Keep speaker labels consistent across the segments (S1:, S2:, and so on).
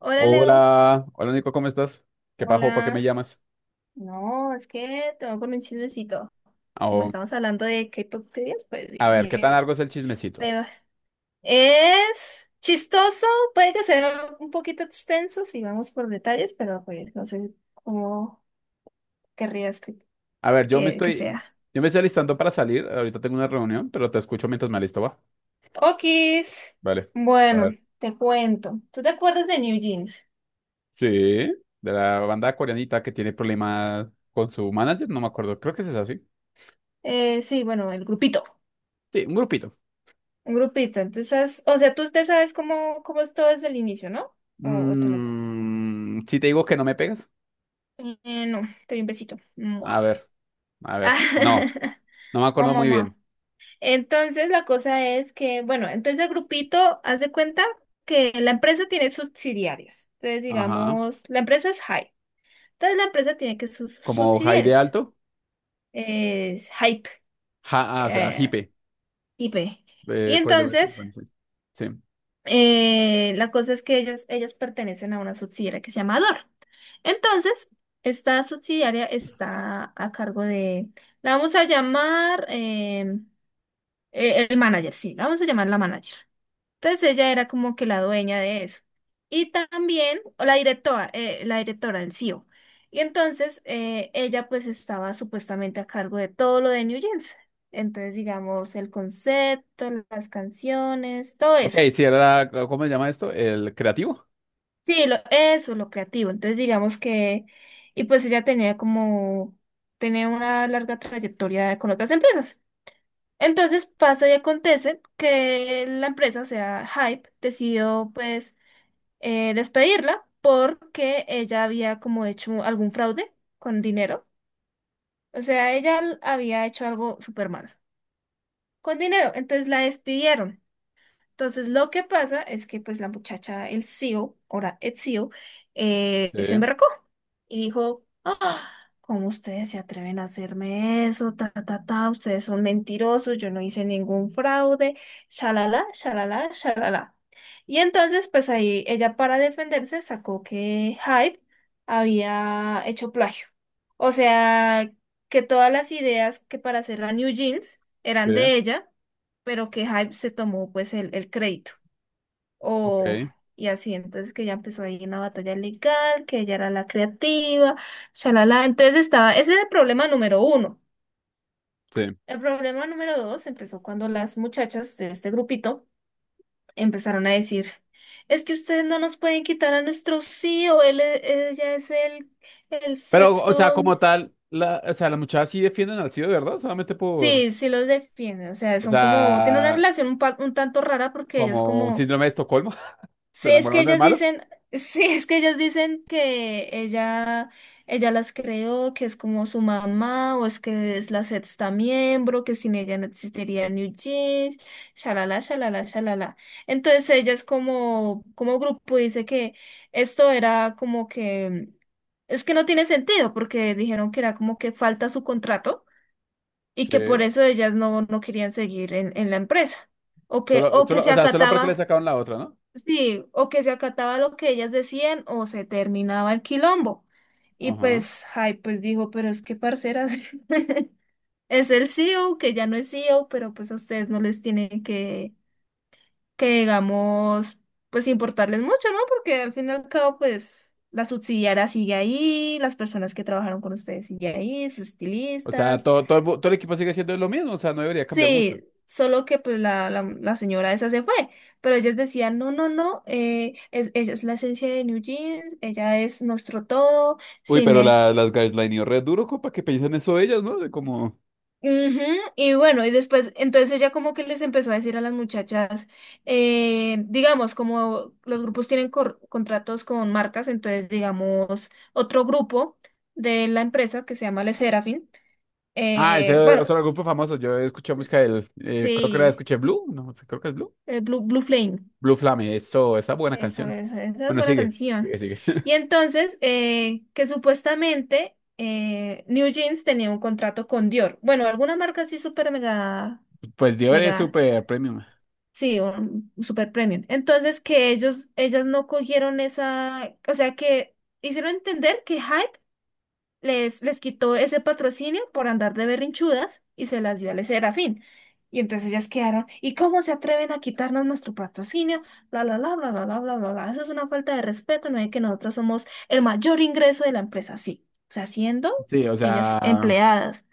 S1: Hola Leo,
S2: Hola, hola Nico, ¿cómo estás? ¿Qué pajo? ¿Por qué me
S1: hola.
S2: llamas?
S1: No, es que tengo con un chismecito. Como
S2: Oh,
S1: estamos hablando de K-pop teorías, pues
S2: a ver, ¿qué tan
S1: dije,
S2: largo es el chismecito?
S1: Leo, es chistoso, puede que sea un poquito extenso si vamos por detalles, pero pues no sé cómo querrías que,
S2: A ver,
S1: que, que sea.
S2: yo me estoy alistando para salir. Ahorita tengo una reunión, pero te escucho mientras me alisto, va.
S1: Okis.
S2: Vale. A
S1: Bueno,
S2: ver.
S1: te cuento. ¿Tú te acuerdas de New Jeans?
S2: Sí, de la banda coreanita que tiene problemas con su manager, no me acuerdo. Creo que es así.
S1: Sí, bueno, el grupito.
S2: Sí, un grupito.
S1: Un grupito. Entonces, o sea, tú usted sabes cómo es todo desde el inicio, ¿no? O te lo
S2: Mm, si te digo que no me pegas.
S1: No, te doy un besito. Mua.
S2: A ver, a ver. No, no me
S1: Mua,
S2: acuerdo
S1: mua,
S2: muy
S1: mua.
S2: bien.
S1: Entonces la cosa es que, bueno, entonces el grupito, haz de cuenta que la empresa tiene subsidiarias. Entonces,
S2: Ajá.
S1: digamos, la empresa es Hype. Entonces la empresa tiene que sus
S2: Como Jaide
S1: subsidiarias.
S2: Alto.
S1: Es Hype,
S2: Ja, ah, o sea,
S1: eh,
S2: Hipe.
S1: IP. Y
S2: ¿Cómo se llama esto?
S1: entonces,
S2: Bueno, sí. Sí.
S1: La cosa es que ellas pertenecen a una subsidiaria que se llama DOR. Entonces, esta subsidiaria está a cargo de, la vamos a llamar el manager, sí, la vamos a llamar la manager. Entonces, ella era como que la dueña de eso. Y también o la directora del CEO. Y entonces, ella pues estaba supuestamente a cargo de todo lo de New Jeans. Entonces, digamos, el concepto, las canciones, todo
S2: Ok,
S1: eso.
S2: si era, ¿cómo se llama esto? El creativo.
S1: Sí, lo, eso, lo creativo. Entonces, digamos que, y pues ella tenía como, tenía una larga trayectoria con otras empresas. Entonces pasa y acontece que la empresa, o sea, Hype, decidió pues despedirla porque ella había como hecho algún fraude con dinero. O sea, ella había hecho algo súper malo con dinero. Entonces la despidieron. Entonces, lo que pasa es que pues la muchacha, el CEO, ahora ex CEO,
S2: Sí,
S1: se emberracó y dijo, ah, ¿cómo ustedes se atreven a hacerme eso? Ta, ta, ta, ustedes son mentirosos, yo no hice ningún fraude, shalala, shalala, shalala. Y entonces, pues ahí ella para defenderse sacó que Hype había hecho plagio. O sea, que todas las ideas que para hacer la New Jeans eran
S2: sí,
S1: de ella pero que Hype se tomó pues el crédito. O,
S2: ok,
S1: y así, entonces que ya empezó ahí una batalla legal, que ella era la creativa, shalala. Entonces estaba, ese era el problema número uno.
S2: sí.
S1: El problema número dos empezó cuando las muchachas de este grupito empezaron a decir, es que ustedes no nos pueden quitar a nuestro C E o él, e- ella es el
S2: Pero, o sea,
S1: sexto.
S2: como tal, la, o sea, las muchachas sí defienden al CID, de ¿verdad? Solamente por,
S1: Sí, sí los defiende, o sea,
S2: o
S1: son como, tiene una
S2: sea,
S1: relación un, pa- un tanto rara porque ella es
S2: como un
S1: como
S2: síndrome de Estocolmo, se
S1: Sí, es que
S2: enamoraron del
S1: ellas
S2: malo.
S1: dicen, sí, es que ellas dicen que ella las creó, que es como su mamá, o es que es la sexta miembro, que sin ella no existiría New Jeans, shalala, shalala, shalala. Entonces ellas como, como grupo dice que esto era como que, es que no tiene sentido, porque dijeron que era como que falta su contrato y que por
S2: Sí.
S1: eso ellas no querían seguir en la empresa,
S2: Solo,
S1: o que
S2: solo,
S1: se
S2: o sea, solo porque le
S1: acataba.
S2: sacaron la otra, ¿no?
S1: Sí, o que se acataba lo que ellas decían o se terminaba el quilombo. Y
S2: Ajá.
S1: pues, ay, pues dijo, pero es que parceras, es el CEO que ya no es CEO, pero pues a ustedes no les tienen que digamos, pues importarles mucho, ¿no? Porque al fin y al cabo, pues la subsidiaria sigue ahí, las personas que trabajaron con ustedes sigue ahí, sus
S2: O sea,
S1: estilistas.
S2: todo, todo, el, bu- todo el equipo sigue siendo lo mismo, o sea, no debería cambiar mucho.
S1: Sí, solo que pues la señora esa se fue, pero ellas decían, no, no, no, es, ella es la esencia de New Jeans, ella es nuestro todo,
S2: Uy,
S1: sin
S2: pero
S1: es...
S2: la, las gaslightió red duro, compa, que piensan eso ellas, ¿no? De como...
S1: Ujú. Y bueno, y después, entonces ella como que les empezó a decir a las muchachas, digamos, como los grupos tienen cor- contratos con marcas, entonces digamos, otro grupo de la empresa que se llama Le Serafin,
S2: Ah, ese es
S1: bueno,
S2: otro grupo famoso. Yo escuché música del, creo que era,
S1: sí,
S2: escuché Blue, no sé, creo que es Blue.
S1: Blue, Blue Flame.
S2: Blue Flame, eso, esa buena
S1: Eso,
S2: canción.
S1: eso, esa es
S2: Bueno,
S1: buena canción.
S2: sigue.
S1: Y entonces, que supuestamente New Jeans tenía un contrato con Dior. Bueno, alguna marca así súper mega,
S2: Pues Dior es
S1: mega,
S2: súper premium.
S1: sí, un super premium. Entonces, que ellos, ellas no cogieron esa, o sea, que hicieron entender que Hype les, les quitó ese patrocinio por andar de berrinchudas y se las dio al Serafín. Y entonces ellas quedaron, ¿y cómo se atreven a quitarnos nuestro patrocinio? Bla, bla, bla, bla, bla, bla, bla, bla, bla. Eso es una falta de respeto, no es que nosotros somos el mayor ingreso de la empresa, sí. O sea, siendo
S2: Sí, o
S1: ellas
S2: sea,
S1: empleadas.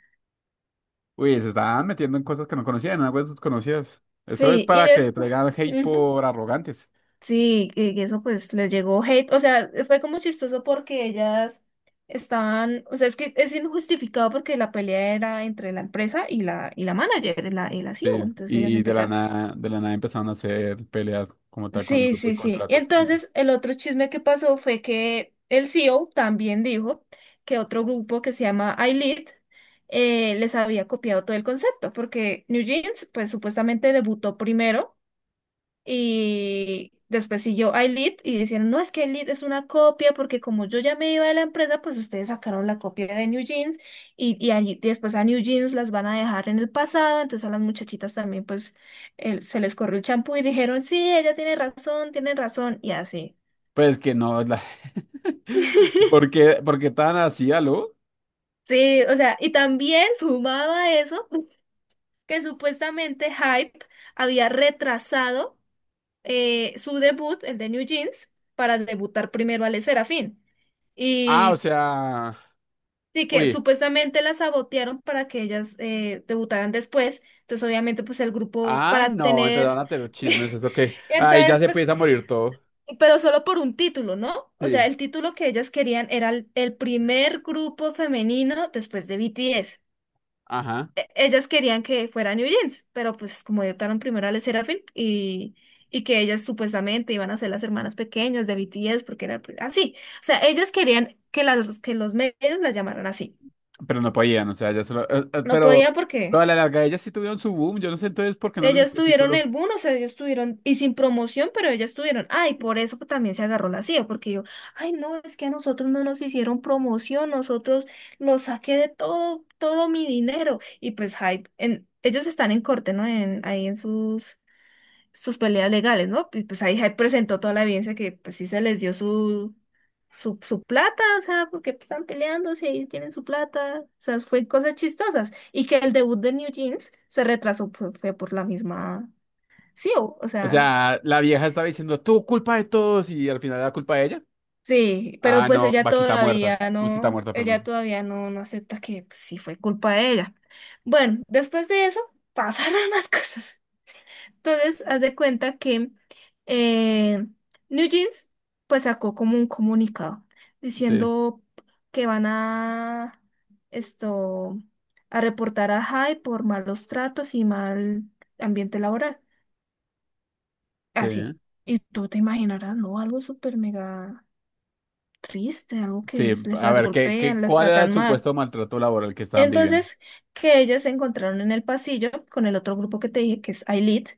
S2: uy, se están metiendo en cosas que no conocían, en aguas desconocidas. Eso es
S1: Sí, y
S2: para que
S1: después...
S2: traigan hate por arrogantes.
S1: Sí, y eso pues les llegó hate, o sea, fue como chistoso porque ellas estaban, o sea, es que es injustificado porque la pelea era entre la empresa y la manager, y la
S2: Sí,
S1: CEO, entonces ellas
S2: y
S1: empezaron.
S2: de la nada empezaron a hacer peleas como tal con el
S1: Sí,
S2: grupo y
S1: sí, sí. Y
S2: contratos.
S1: entonces el otro chisme que pasó fue que el CEO también dijo que otro grupo que se llama iLead les había copiado todo el concepto, porque New Jeans pues supuestamente debutó primero. Y después siguió iLead y dijeron, no, es que iLead es una copia porque como yo ya me iba de la empresa, pues ustedes sacaron la copia de New Jeans y a después a New Jeans las van a dejar en el pasado. Entonces a las muchachitas también pues se les corrió el champú y dijeron, sí, ella tiene razón y así.
S2: Pues que no, es la... por qué tan así, aló?
S1: Sí, o sea, y también sumaba eso que supuestamente Hype había retrasado su debut, el de New Jeans, para debutar primero al Serafín.
S2: Ah, o
S1: Y
S2: sea,
S1: sí, que
S2: uy,
S1: supuestamente la sabotearon para que ellas debutaran después. Entonces, obviamente, pues el grupo
S2: ah,
S1: para
S2: no, empezaron
S1: tener.
S2: a tener chismes, eso que, ahí ya
S1: Entonces,
S2: se
S1: pues,
S2: empieza a morir todo.
S1: pero solo por un título, ¿no? O sea,
S2: Sí.
S1: el título que ellas querían era el primer grupo femenino después de BTS.
S2: Ajá.
S1: Ellas querían que fuera New Jeans, pero pues como debutaron primero a Le Sserafim y que ellas supuestamente iban a ser las hermanas pequeñas de BTS porque era pues, así. O sea, ellas querían que, las, que los medios las llamaran así.
S2: Pero no podían, o sea, ya solo.
S1: No podía
S2: Pero
S1: porque
S2: a la larga ellas sí tuvieron su boom. Yo no sé entonces por qué no les
S1: ellas
S2: gustó el
S1: tuvieron
S2: título.
S1: el boom, o sea, ellos tuvieron, y sin promoción, pero ellas tuvieron, ay, por eso también se agarró la CIA, porque yo, ay, no, es que a nosotros no nos hicieron promoción, nosotros lo saqué de todo, todo mi dinero, y pues hype, en, ellos están en corte, ¿no? En, ahí en sus, sus peleas legales, ¿no? Y pues ahí, ahí presentó toda la evidencia que pues sí se les dio su, su, su plata, o sea, porque pues, están peleándose y tienen su plata, o sea, fue cosas chistosas. Y que el debut de New Jeans se retrasó por, fue por la misma CEO, o
S2: O
S1: sea,
S2: sea, la vieja estaba diciendo, tú culpa de todos, y al final era culpa de ella.
S1: sí, pero
S2: Ah,
S1: pues
S2: no, vaquita muerta. Mosquita muerta,
S1: ella
S2: perdón.
S1: todavía no, no acepta que pues, sí fue culpa de ella. Bueno, después de eso pasaron más cosas. Entonces, haz de cuenta que eh, New Jeans pues sacó como un comunicado
S2: Sí,
S1: diciendo que van a esto a reportar a Jai por malos tratos y mal ambiente laboral.
S2: sí,
S1: Así.
S2: ¿eh?
S1: Y tú te imaginarás, ¿no? Algo súper mega triste, algo que
S2: Sí.
S1: les
S2: A
S1: las
S2: ver, ¿qué,
S1: golpean,
S2: qué,
S1: las
S2: cuál era el
S1: tratan mal.
S2: supuesto maltrato laboral que estaban viviendo?
S1: Entonces, que ellas se encontraron en el pasillo con el otro grupo que te dije, que es Ailit.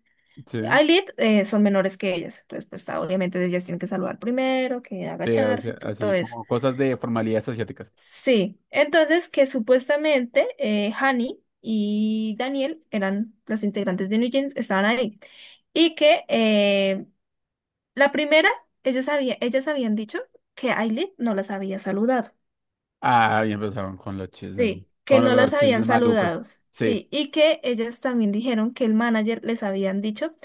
S2: Sí,
S1: Ailit son menores que ellas, entonces pues ah, obviamente ellas tienen que saludar primero, que
S2: sí, así,
S1: agacharse y todo,
S2: así
S1: eso.
S2: como cosas de formalidades asiáticas.
S1: Sí, entonces que supuestamente Hani y Daniel eran las integrantes de New Jeans, estaban ahí. Y que la primera, ellos había, ellas habían dicho que Ailit no las había saludado.
S2: Ah, y empezaron
S1: Sí, que
S2: con
S1: no
S2: los
S1: las habían
S2: chismes malucos.
S1: saludado.
S2: Sí.
S1: Sí, y que ellas también dijeron que el manager les habían dicho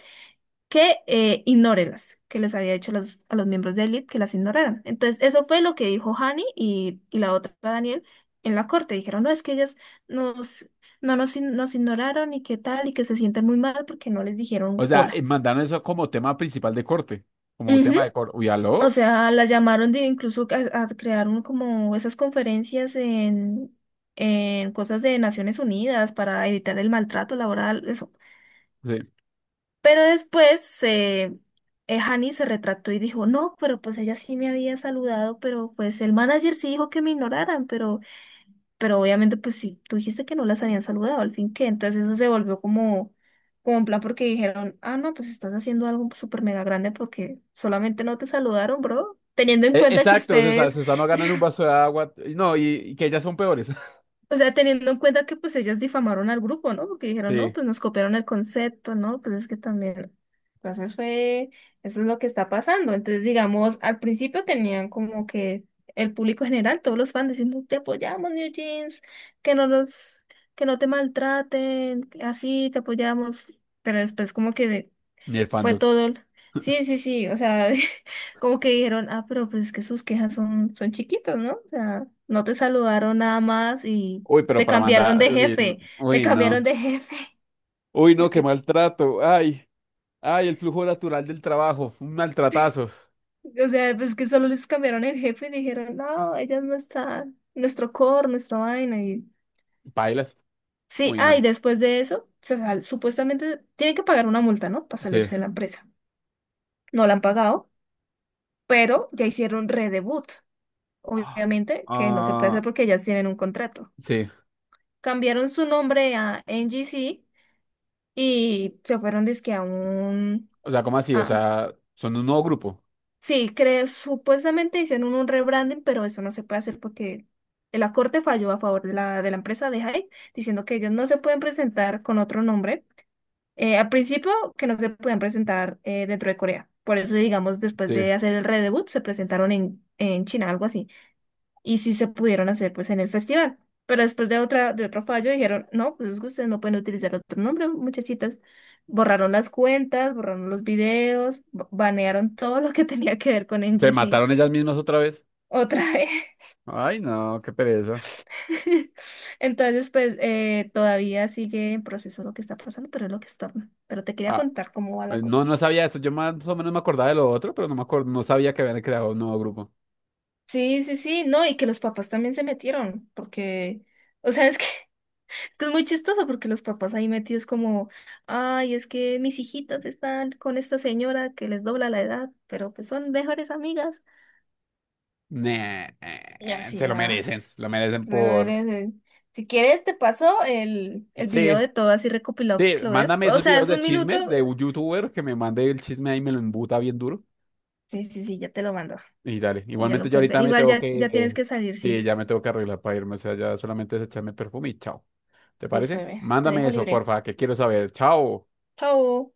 S1: que ignórelas, que les había dicho a los miembros de Elite que las ignoraran. Entonces, eso fue lo que dijo Hani y la otra Daniel en la corte. Dijeron, no, es que ellas nos, no nos, ign- nos ignoraron y qué tal, y que se sienten muy mal porque no les
S2: O
S1: dijeron
S2: sea,
S1: hola.
S2: mandaron eso como tema principal de corte, como
S1: Ujú.
S2: tema de corte. Uy,
S1: O
S2: aló.
S1: sea, las llamaron de incluso a crear como esas conferencias en cosas de Naciones Unidas para evitar el maltrato laboral, eso.
S2: Sí.
S1: Pero después Hani se retractó y dijo, no, pero pues ella sí me había saludado, pero pues el manager sí dijo que me ignoraran, pero obviamente pues sí, tú dijiste que no las habían saludado, al fin que, entonces eso se volvió como, como en plan porque dijeron, ah, no, pues estás haciendo algo súper mega grande porque solamente no te saludaron, bro, teniendo en
S2: E-
S1: cuenta que
S2: Exacto,
S1: ustedes...
S2: se están ganando un vaso de agua. Y no, y que ellas son peores.
S1: O sea, teniendo en cuenta que pues ellas difamaron al grupo, ¿no? Porque dijeron, no,
S2: Sí,
S1: pues nos copiaron el concepto, ¿no? Pues es que también. Entonces fue, eso es lo que está pasando. Entonces, digamos, al principio tenían como que el público general, todos los fans diciendo, te apoyamos, New Jeans, que no los que no te maltraten, así te apoyamos. Pero después como que
S2: ni el
S1: fue
S2: fandom.
S1: todo. Sí, sí, sí, o sea, como que dijeron, ah, pero pues es que sus quejas son, son chiquitos, ¿no? O sea, no te saludaron nada más y
S2: Uy, pero
S1: te
S2: para
S1: cambiaron
S2: mandar.
S1: de
S2: Uy, no.
S1: jefe, te
S2: Uy, no,
S1: cambiaron de jefe,
S2: uy, no, qué
S1: porque,
S2: maltrato. Ay, ay, el flujo natural del trabajo. Un maltratazo.
S1: o sea, pues que solo les cambiaron el jefe y dijeron, no, ella es nuestra, nuestro core, nuestra vaina y...
S2: Pailas.
S1: Sí,
S2: Uy,
S1: ah,
S2: no.
S1: y después de eso, supuestamente tienen que pagar una multa, ¿no? Para
S2: Sí.
S1: salirse de la empresa. No la han pagado, pero ya hicieron redebut. Obviamente que no se puede
S2: Ah,
S1: hacer porque ellas tienen un contrato.
S2: sí.
S1: Cambiaron su nombre a NGC y se fueron dizque a un...
S2: O sea, ¿cómo así? O
S1: a-
S2: sea, son un nuevo grupo.
S1: sí, creo, supuestamente hicieron un rebranding, pero eso no se puede hacer porque la corte falló a favor de la empresa de Hype, diciendo que ellos no se pueden presentar con otro nombre. Al principio, que no se pueden presentar dentro de Corea. Por eso, digamos, después
S2: Sí.
S1: de hacer el redebut, se presentaron en China, algo así. Y sí se pudieron hacer pues en el festival. Pero después de otra, de otro fallo dijeron, no, pues ustedes no pueden utilizar otro nombre, muchachitas. Borraron las cuentas, borraron los videos, banearon todo lo que tenía que ver con
S2: ¿Se
S1: NGC
S2: mataron ellas mismas otra vez?
S1: otra vez.
S2: Ay, no, qué pereza.
S1: Entonces, pues todavía sigue en proceso lo que está pasando, pero es lo que estorba. Pero te quería
S2: Ah,
S1: contar cómo va la
S2: pues
S1: cosa.
S2: no, no sabía eso. Yo más o menos me acordaba de lo otro, pero no me acuerdo, no sabía que habían creado un nuevo grupo.
S1: Sí, sí, sí, no, y que los papás también se metieron, porque, o sea, es que es que es muy chistoso porque los papás ahí metidos como, ay, es que mis hijitas están con esta señora que les dobla la edad, pero pues son mejores amigas.
S2: Nah,
S1: Y
S2: se
S1: así va.
S2: lo merecen
S1: Bueno,
S2: por...
S1: eres, si quieres te paso el video
S2: Sí,
S1: de todo así recopilado
S2: sí,
S1: porque lo ves.
S2: mándame
S1: O
S2: esos
S1: sea,
S2: videos
S1: es
S2: de
S1: un minuto.
S2: chismes de un youtuber que me mande el chisme ahí y me lo embuta bien duro.
S1: Sí, sí, sí, ya te lo mando.
S2: Y dale,
S1: Ya
S2: igualmente
S1: lo
S2: yo
S1: puedes ver.
S2: ahorita me
S1: Igual
S2: tengo
S1: ya, ya tienes
S2: que...
S1: que salir,
S2: Sí,
S1: sí.
S2: ya me tengo que arreglar para irme, o sea, ya solamente es echarme perfume y chao. ¿Te
S1: Listo,
S2: parece?
S1: bebé. Te
S2: Mándame
S1: dejo
S2: eso,
S1: libre.
S2: porfa, que quiero saber. Chao.
S1: Chao.